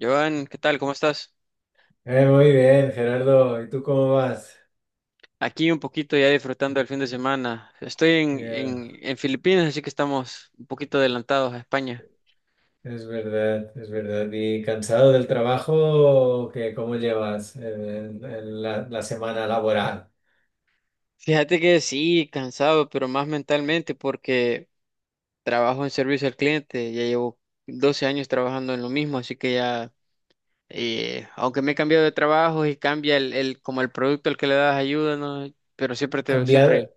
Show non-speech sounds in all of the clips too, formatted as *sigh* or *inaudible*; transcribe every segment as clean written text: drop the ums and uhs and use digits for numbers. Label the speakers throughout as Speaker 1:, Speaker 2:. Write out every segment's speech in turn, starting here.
Speaker 1: Joan, ¿qué tal? ¿Cómo estás?
Speaker 2: Muy bien, Gerardo. ¿Y tú cómo vas?
Speaker 1: Aquí un poquito ya disfrutando el fin de semana. Estoy en,
Speaker 2: Ya,
Speaker 1: en, en Filipinas, así que estamos un poquito adelantados a España.
Speaker 2: es verdad, es verdad. ¿Y cansado del trabajo o qué? ¿Cómo llevas la semana laboral?
Speaker 1: Fíjate que sí, cansado, pero más mentalmente porque trabajo en servicio al cliente. Ya llevo 12 años trabajando en lo mismo, así que ya, aunque me he cambiado de trabajo y cambia como el producto al que le das ayuda, ¿no? Pero siempre te, siempre.
Speaker 2: Cambiado,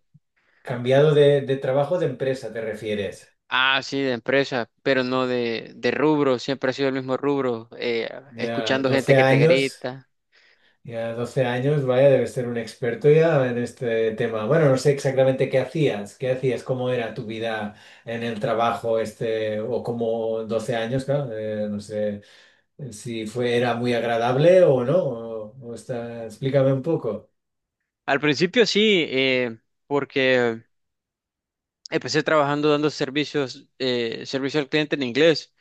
Speaker 2: cambiado de trabajo de empresa, ¿te refieres?
Speaker 1: Ah, sí, de empresa, pero no de rubro, siempre ha sido el mismo rubro,
Speaker 2: Ya
Speaker 1: escuchando gente
Speaker 2: 12
Speaker 1: que te
Speaker 2: años,
Speaker 1: grita.
Speaker 2: ya 12 años, vaya, debes ser un experto ya en este tema. Bueno, no sé exactamente qué hacías, cómo era tu vida en el trabajo este, o cómo 12 años, claro, no sé. Si fue, era muy agradable o no, o está, explícame un poco.
Speaker 1: Al principio sí, porque empecé trabajando dando servicios, servicio al cliente en inglés.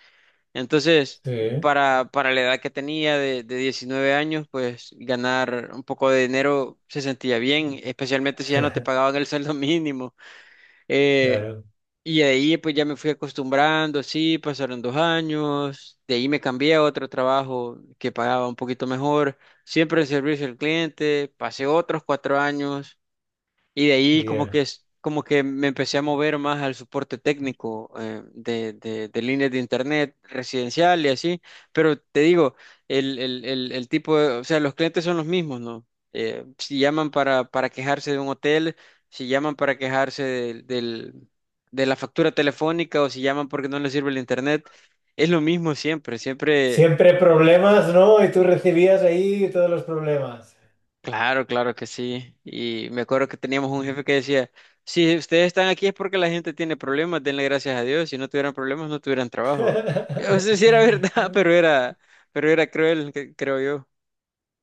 Speaker 1: Entonces,
Speaker 2: Sí,
Speaker 1: para la edad que tenía de 19 años, pues ganar un poco de dinero se sentía bien, especialmente si ya no te
Speaker 2: *laughs*
Speaker 1: pagaban el *laughs* sueldo mínimo. Eh,
Speaker 2: claro,
Speaker 1: Y de ahí pues ya me fui acostumbrando, sí, pasaron 2 años, de ahí me cambié a otro trabajo que pagaba un poquito mejor, siempre en servicio al cliente, pasé otros 4 años y de ahí como que
Speaker 2: ya.
Speaker 1: es como que me empecé a mover más al soporte técnico de líneas de internet residencial y así. Pero te digo, el tipo de... O sea, los clientes son los mismos, ¿no? Si llaman para quejarse de un hotel, si llaman para quejarse de la factura telefónica o si llaman porque no les sirve el internet, es lo mismo siempre. Siempre.
Speaker 2: Siempre problemas, ¿no? Y tú recibías ahí todos los problemas.
Speaker 1: Claro, claro que sí. Y me acuerdo que teníamos un jefe que decía, si ustedes están aquí es porque la gente tiene problemas, denle gracias a Dios. Si no tuvieran problemas, no tuvieran trabajo. *laughs* No sé si era verdad, *laughs*
Speaker 2: *laughs*
Speaker 1: pero era cruel, que- creo yo.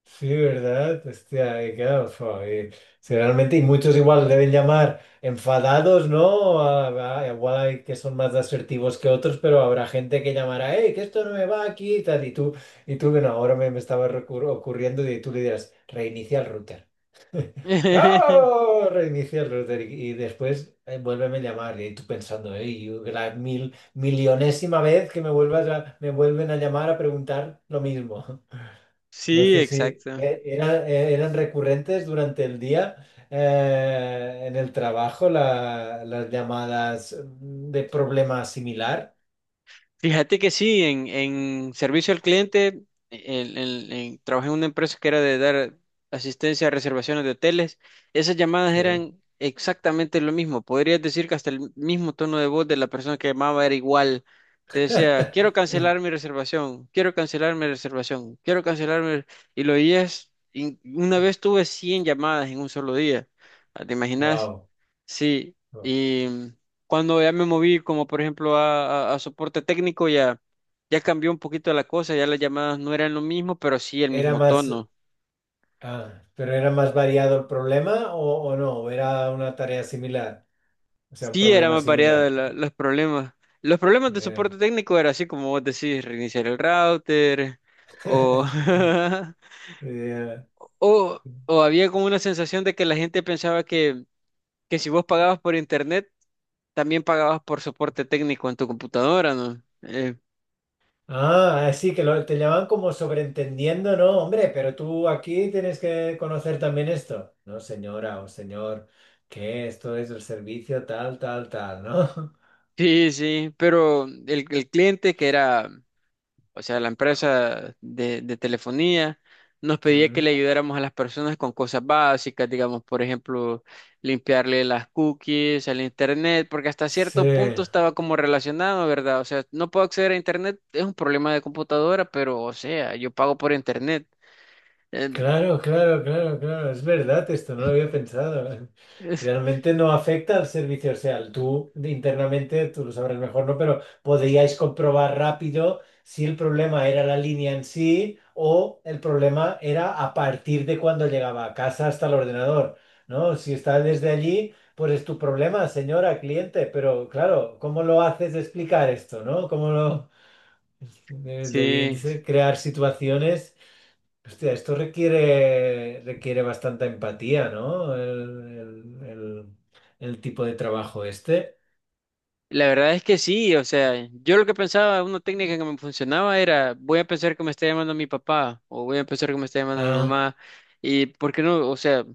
Speaker 2: Sí, ¿verdad? Hostia, claro, fua, sí, realmente, y muchos igual deben llamar enfadados, ¿no? Igual hay que son más asertivos que otros, pero habrá gente que llamará, hey, que esto no me va aquí y tal, y tú, bueno, ahora me estaba ocurriendo y tú le dirás, reinicia el router.
Speaker 1: *laughs*
Speaker 2: ¡No! Reinicia el router y después vuélveme a llamar y tú pensando, hey, la millonésima vez que me vuelvas a, me vuelven a llamar a preguntar lo mismo. No
Speaker 1: Sí,
Speaker 2: sé si
Speaker 1: exacto.
Speaker 2: eran recurrentes durante el día en el trabajo las llamadas de problema similar.
Speaker 1: Fíjate que sí, en servicio al cliente, trabajé en una empresa que era de dar asistencia a reservaciones de hoteles. Esas llamadas
Speaker 2: Sí.
Speaker 1: eran exactamente lo mismo. Podrías decir que hasta el mismo tono de voz de la persona que llamaba era igual. Te decía, quiero
Speaker 2: *laughs*
Speaker 1: cancelar mi reservación, quiero cancelar mi reservación, quiero cancelar mi... Y lo oías, y una vez tuve 100 llamadas en un solo día. Ah, ¿te imaginas?
Speaker 2: Wow.
Speaker 1: Sí, y... Cuando ya me moví, como por ejemplo a, a soporte técnico, ya, ya cambió un poquito la cosa, ya las llamadas no eran lo mismo, pero sí el
Speaker 2: Era
Speaker 1: mismo
Speaker 2: más,
Speaker 1: tono.
Speaker 2: ah, pero era más variado el problema o no, ¿o era una tarea similar, o sea, un
Speaker 1: Sí, era
Speaker 2: problema
Speaker 1: más variada
Speaker 2: similar?
Speaker 1: la- los problemas. Los problemas de
Speaker 2: Yeah.
Speaker 1: soporte técnico era así como vos decís, reiniciar el router o,
Speaker 2: *laughs*
Speaker 1: *laughs*
Speaker 2: Yeah.
Speaker 1: o había como una sensación de que la gente pensaba que si vos pagabas por internet, también pagabas por soporte técnico en tu computadora, ¿no?
Speaker 2: Ah, sí, que lo, te llaman como sobreentendiendo, ¿no? Hombre, pero tú aquí tienes que conocer también esto. No, señora o señor, que esto es el servicio tal, tal, tal, ¿no? *laughs*
Speaker 1: Sí, sí, pero el cliente que era... O sea, la empresa de telefonía, nos pedía que
Speaker 2: Mm.
Speaker 1: le ayudáramos a las personas con cosas básicas, digamos, por ejemplo, limpiarle las cookies al internet, porque hasta cierto
Speaker 2: Sí.
Speaker 1: punto estaba como relacionado, ¿verdad? O sea, no puedo acceder a internet, es un problema de computadora, pero, o sea, yo pago por internet. Eh,
Speaker 2: Claro, claro, claro, claro, es verdad esto, no lo había pensado.
Speaker 1: es- *laughs*
Speaker 2: Realmente no afecta al servicio, o sea, tú internamente, tú lo sabrás mejor, ¿no? Pero podríais comprobar rápido si el problema era la línea en sí o el problema era a partir de cuando llegaba a casa hasta el ordenador, ¿no? Si está desde allí, pues es tu problema, señora, cliente, pero claro, ¿cómo lo haces explicar esto, ¿no? ¿Cómo lo... Debían
Speaker 1: Sí,
Speaker 2: crear situaciones. Hostia, esto requiere, requiere bastante empatía, ¿no? El- el- el tipo de trabajo este.
Speaker 1: la verdad es que sí, o sea, yo lo que pensaba, una técnica que me funcionaba era, voy a pensar que me está llamando mi papá o voy a pensar que me está llamando mi
Speaker 2: Ah,
Speaker 1: mamá y, ¿por qué no? O sea,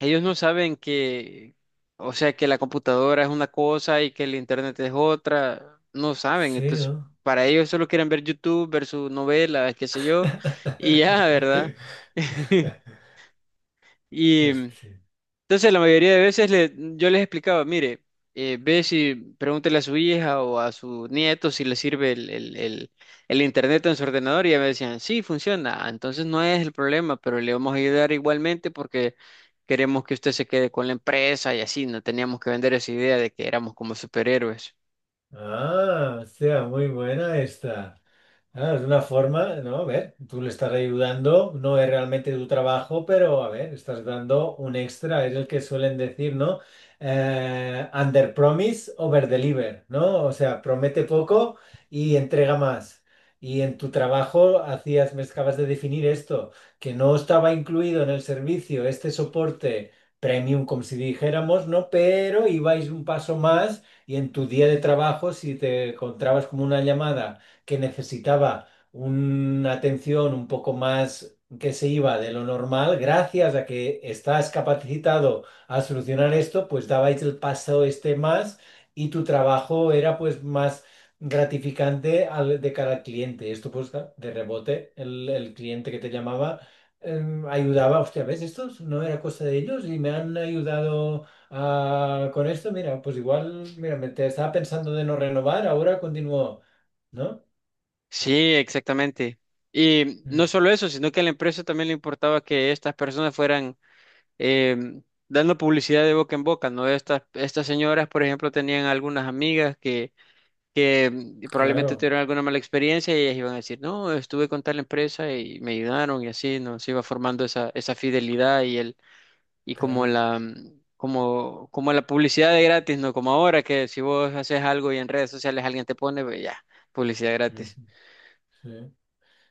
Speaker 1: ellos no saben que, o sea, que la computadora es una cosa y que el internet es otra, no saben.
Speaker 2: sí,
Speaker 1: Entonces,
Speaker 2: ¿no?
Speaker 1: para ellos solo quieren ver YouTube, ver sus novelas, qué sé yo, y ya, ¿verdad?
Speaker 2: *laughs*
Speaker 1: *laughs* Y entonces,
Speaker 2: Hostia.
Speaker 1: la mayoría de veces le- yo les explicaba, mire, ve si pregúntele a su hija o a su nieto si le sirve el internet en su ordenador y ya me decían, sí, funciona. Ah, entonces no es el problema, pero le vamos a ayudar igualmente porque queremos que usted se quede con la empresa y así, no teníamos que vender esa idea de que éramos como superhéroes.
Speaker 2: Ah, hostia, muy buena esta. Ah, es una forma, ¿no? A ver, tú le estás ayudando, no es realmente tu trabajo, pero a ver, estás dando un extra, es el que suelen decir, ¿no? Under promise, over deliver, ¿no? O sea, promete poco y entrega más. Y en tu trabajo hacías, me acabas de definir esto, que no estaba incluido en el servicio este soporte premium, como si dijéramos, ¿no? Pero ibais un paso más y en tu día de trabajo, si te encontrabas como una llamada que necesitaba una atención un poco más que se iba de lo normal, gracias a que estás capacitado a solucionar esto, pues dabais el paso este más y tu trabajo era pues más gratificante de cara al cliente. Esto pues claro, de rebote, el cliente que te llamaba ayudaba, hostia, ¿ves? Esto no era cosa de ellos y me han ayudado con esto, mira, pues igual, mira, me te estaba pensando de no renovar, ahora continúo, ¿no?
Speaker 1: Sí, exactamente. Y no
Speaker 2: Mm.
Speaker 1: solo eso, sino que a la empresa también le importaba que estas personas fueran eh, dando publicidad de boca en boca, ¿no? Estas, estas señoras, por ejemplo, tenían algunas amigas que mm, probablemente
Speaker 2: Claro,
Speaker 1: tuvieron alguna mala experiencia y ellas iban a decir, no, estuve con tal empresa y me ayudaron y así, ¿no? Se iba formando esa, esa fidelidad y el, y como
Speaker 2: claro.
Speaker 1: la, mm, como, como la publicidad de gratis, ¿no? Como ahora que si vos haces algo y en redes sociales alguien te pone, pues ya, publicidad
Speaker 2: Ujú,
Speaker 1: gratis.
Speaker 2: sí.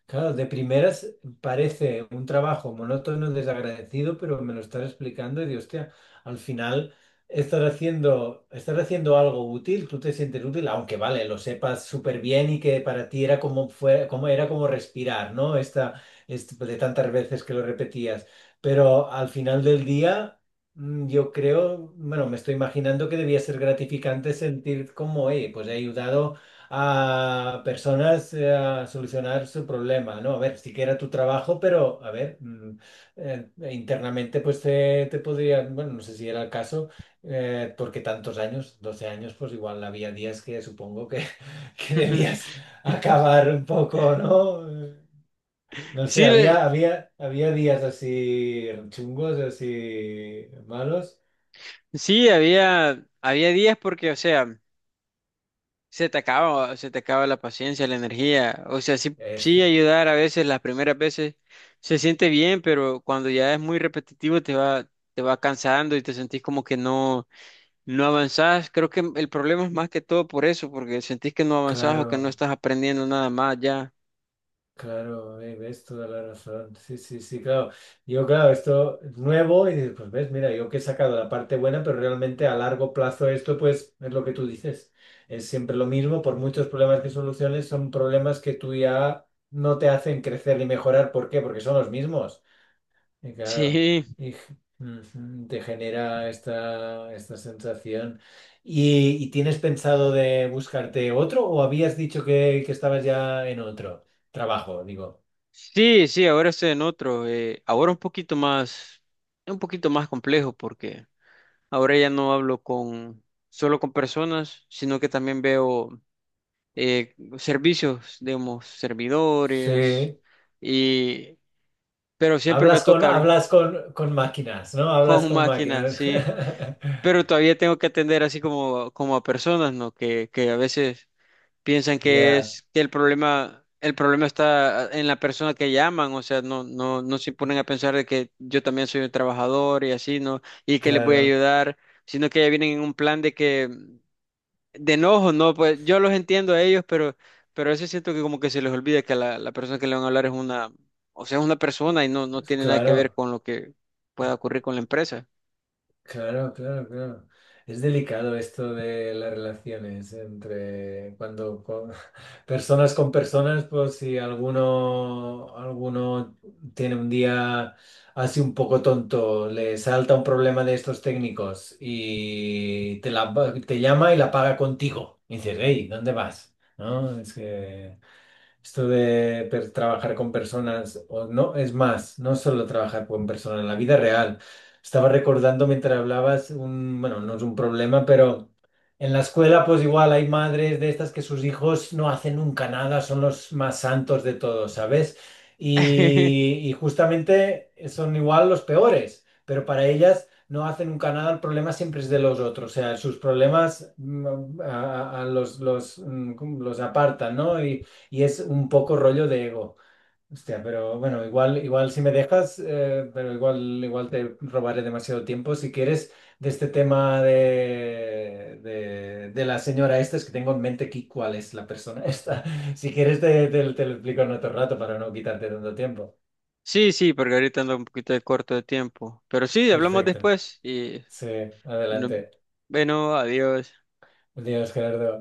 Speaker 2: Claro, de primeras parece un trabajo monótono, desagradecido, pero me lo estás explicando y digo, hostia, al final estás haciendo algo útil, tú te sientes útil, aunque vale, lo sepas súper bien y que para ti era como fue, como era como respirar, ¿no? Pues, de tantas veces que lo repetías. Pero al final del día, yo creo, bueno, me estoy imaginando que debía ser gratificante sentir como, hey, pues he ayudado a personas a solucionar su problema, ¿no? A ver, sí que era tu trabajo, pero a ver, e internamente pues te podrían, bueno, no sé si era el caso, porque tantos años, 12 años, pues igual había días que supongo que, *laughs* que debías
Speaker 1: *laughs*
Speaker 2: acabar un poco, ¿no? No sé,
Speaker 1: Sí, le-
Speaker 2: había, había, había días así chungos, así malos.
Speaker 1: sí, había, había días porque, o sea, se te acaba, se te acaba la paciencia, la energía. O sea, sí, sí
Speaker 2: Esto
Speaker 1: ayudar a veces, las primeras veces se siente bien, pero cuando ya es muy repetitivo te va cansando y te sentís como que no, no avanzás. Creo que el problema es más que todo por eso, porque sentís que no avanzás o que no
Speaker 2: claro.
Speaker 1: estás aprendiendo nada más ya.
Speaker 2: Claro, ves toda la razón. Sí, sí, sí, claro. Yo, claro, esto es nuevo y dices, pues ves, mira, yo que he sacado la parte buena, pero realmente a largo plazo esto, pues, es lo que tú dices. Es siempre lo mismo, por muchos problemas que soluciones, son problemas que tú ya no te hacen crecer ni mejorar. ¿Por qué? Porque son los mismos. Y claro,
Speaker 1: *laughs* Sí,
Speaker 2: y, ujú, te genera esta, esta sensación. Y tienes pensado de buscarte otro o habías dicho que estabas ya en otro trabajo, digo?
Speaker 1: sí, sí, ahora estoy en otro. Eh, ahora un poquito más complejo, porque ahora ya no hablo con, solo con personas, sino que también veo. Eh, servicios, digamos, servidores,
Speaker 2: Sí,
Speaker 1: y, pero siempre me toca hablar
Speaker 2: hablas con máquinas, ¿no?
Speaker 1: *laughs*
Speaker 2: Hablas
Speaker 1: con
Speaker 2: con
Speaker 1: máquinas,
Speaker 2: máquinas.
Speaker 1: sí,
Speaker 2: *laughs*
Speaker 1: pero todavía tengo que atender así como, como a personas, ¿no? Que a veces piensan que
Speaker 2: Ya,
Speaker 1: es que el problema está en la persona que llaman, o sea, no, no, no se ponen a pensar de que yo también soy un trabajador y así, ¿no? Y que les voy a
Speaker 2: claro,
Speaker 1: ayudar, sino que ya vienen en un plan de que... De enojo, no, pues yo los entiendo a ellos, pero a veces siento que como que se les olvida que la persona que le van a hablar es una, o sea, es una persona y no, no tiene nada que ver
Speaker 2: claro.
Speaker 1: con lo que pueda ocurrir con la empresa.
Speaker 2: Claro, claro, claro. Es delicado esto de las relaciones entre cuando *laughs* personas con personas, pues si alguno, alguno tiene un día así un poco tonto, le salta un problema de estos técnicos y te, la, te llama y la paga contigo. Y dices, hey, ¿dónde vas? ¿No? Es que... Esto de trabajar con personas, o no, es más, no solo trabajar con personas, en la vida real. Estaba recordando mientras hablabas, un, bueno, no es un problema, pero en la escuela pues igual hay madres de estas que sus hijos no hacen nunca nada, son los más santos de todos, ¿sabes?
Speaker 1: *laughs*
Speaker 2: Y justamente son igual los peores, pero para ellas no hacen nunca nada, el problema siempre es de los otros, o sea, sus problemas a los, los apartan, ¿no? Y es un poco rollo de ego. Hostia, pero bueno, igual, igual si me dejas, pero igual, igual te robaré demasiado tiempo. Si quieres, de este tema de la señora esta, es que tengo en mente aquí cuál es la persona esta. *laughs* Si quieres, te, te lo explico en otro rato para no quitarte tanto tiempo.
Speaker 1: Sí, sí, porque ahorita ando un poquito de corto de tiempo, pero sí, hablamos
Speaker 2: Perfecto.
Speaker 1: después y
Speaker 2: Sí,
Speaker 1: no-
Speaker 2: adelante.
Speaker 1: bueno, adiós.
Speaker 2: Adiós, Gerardo.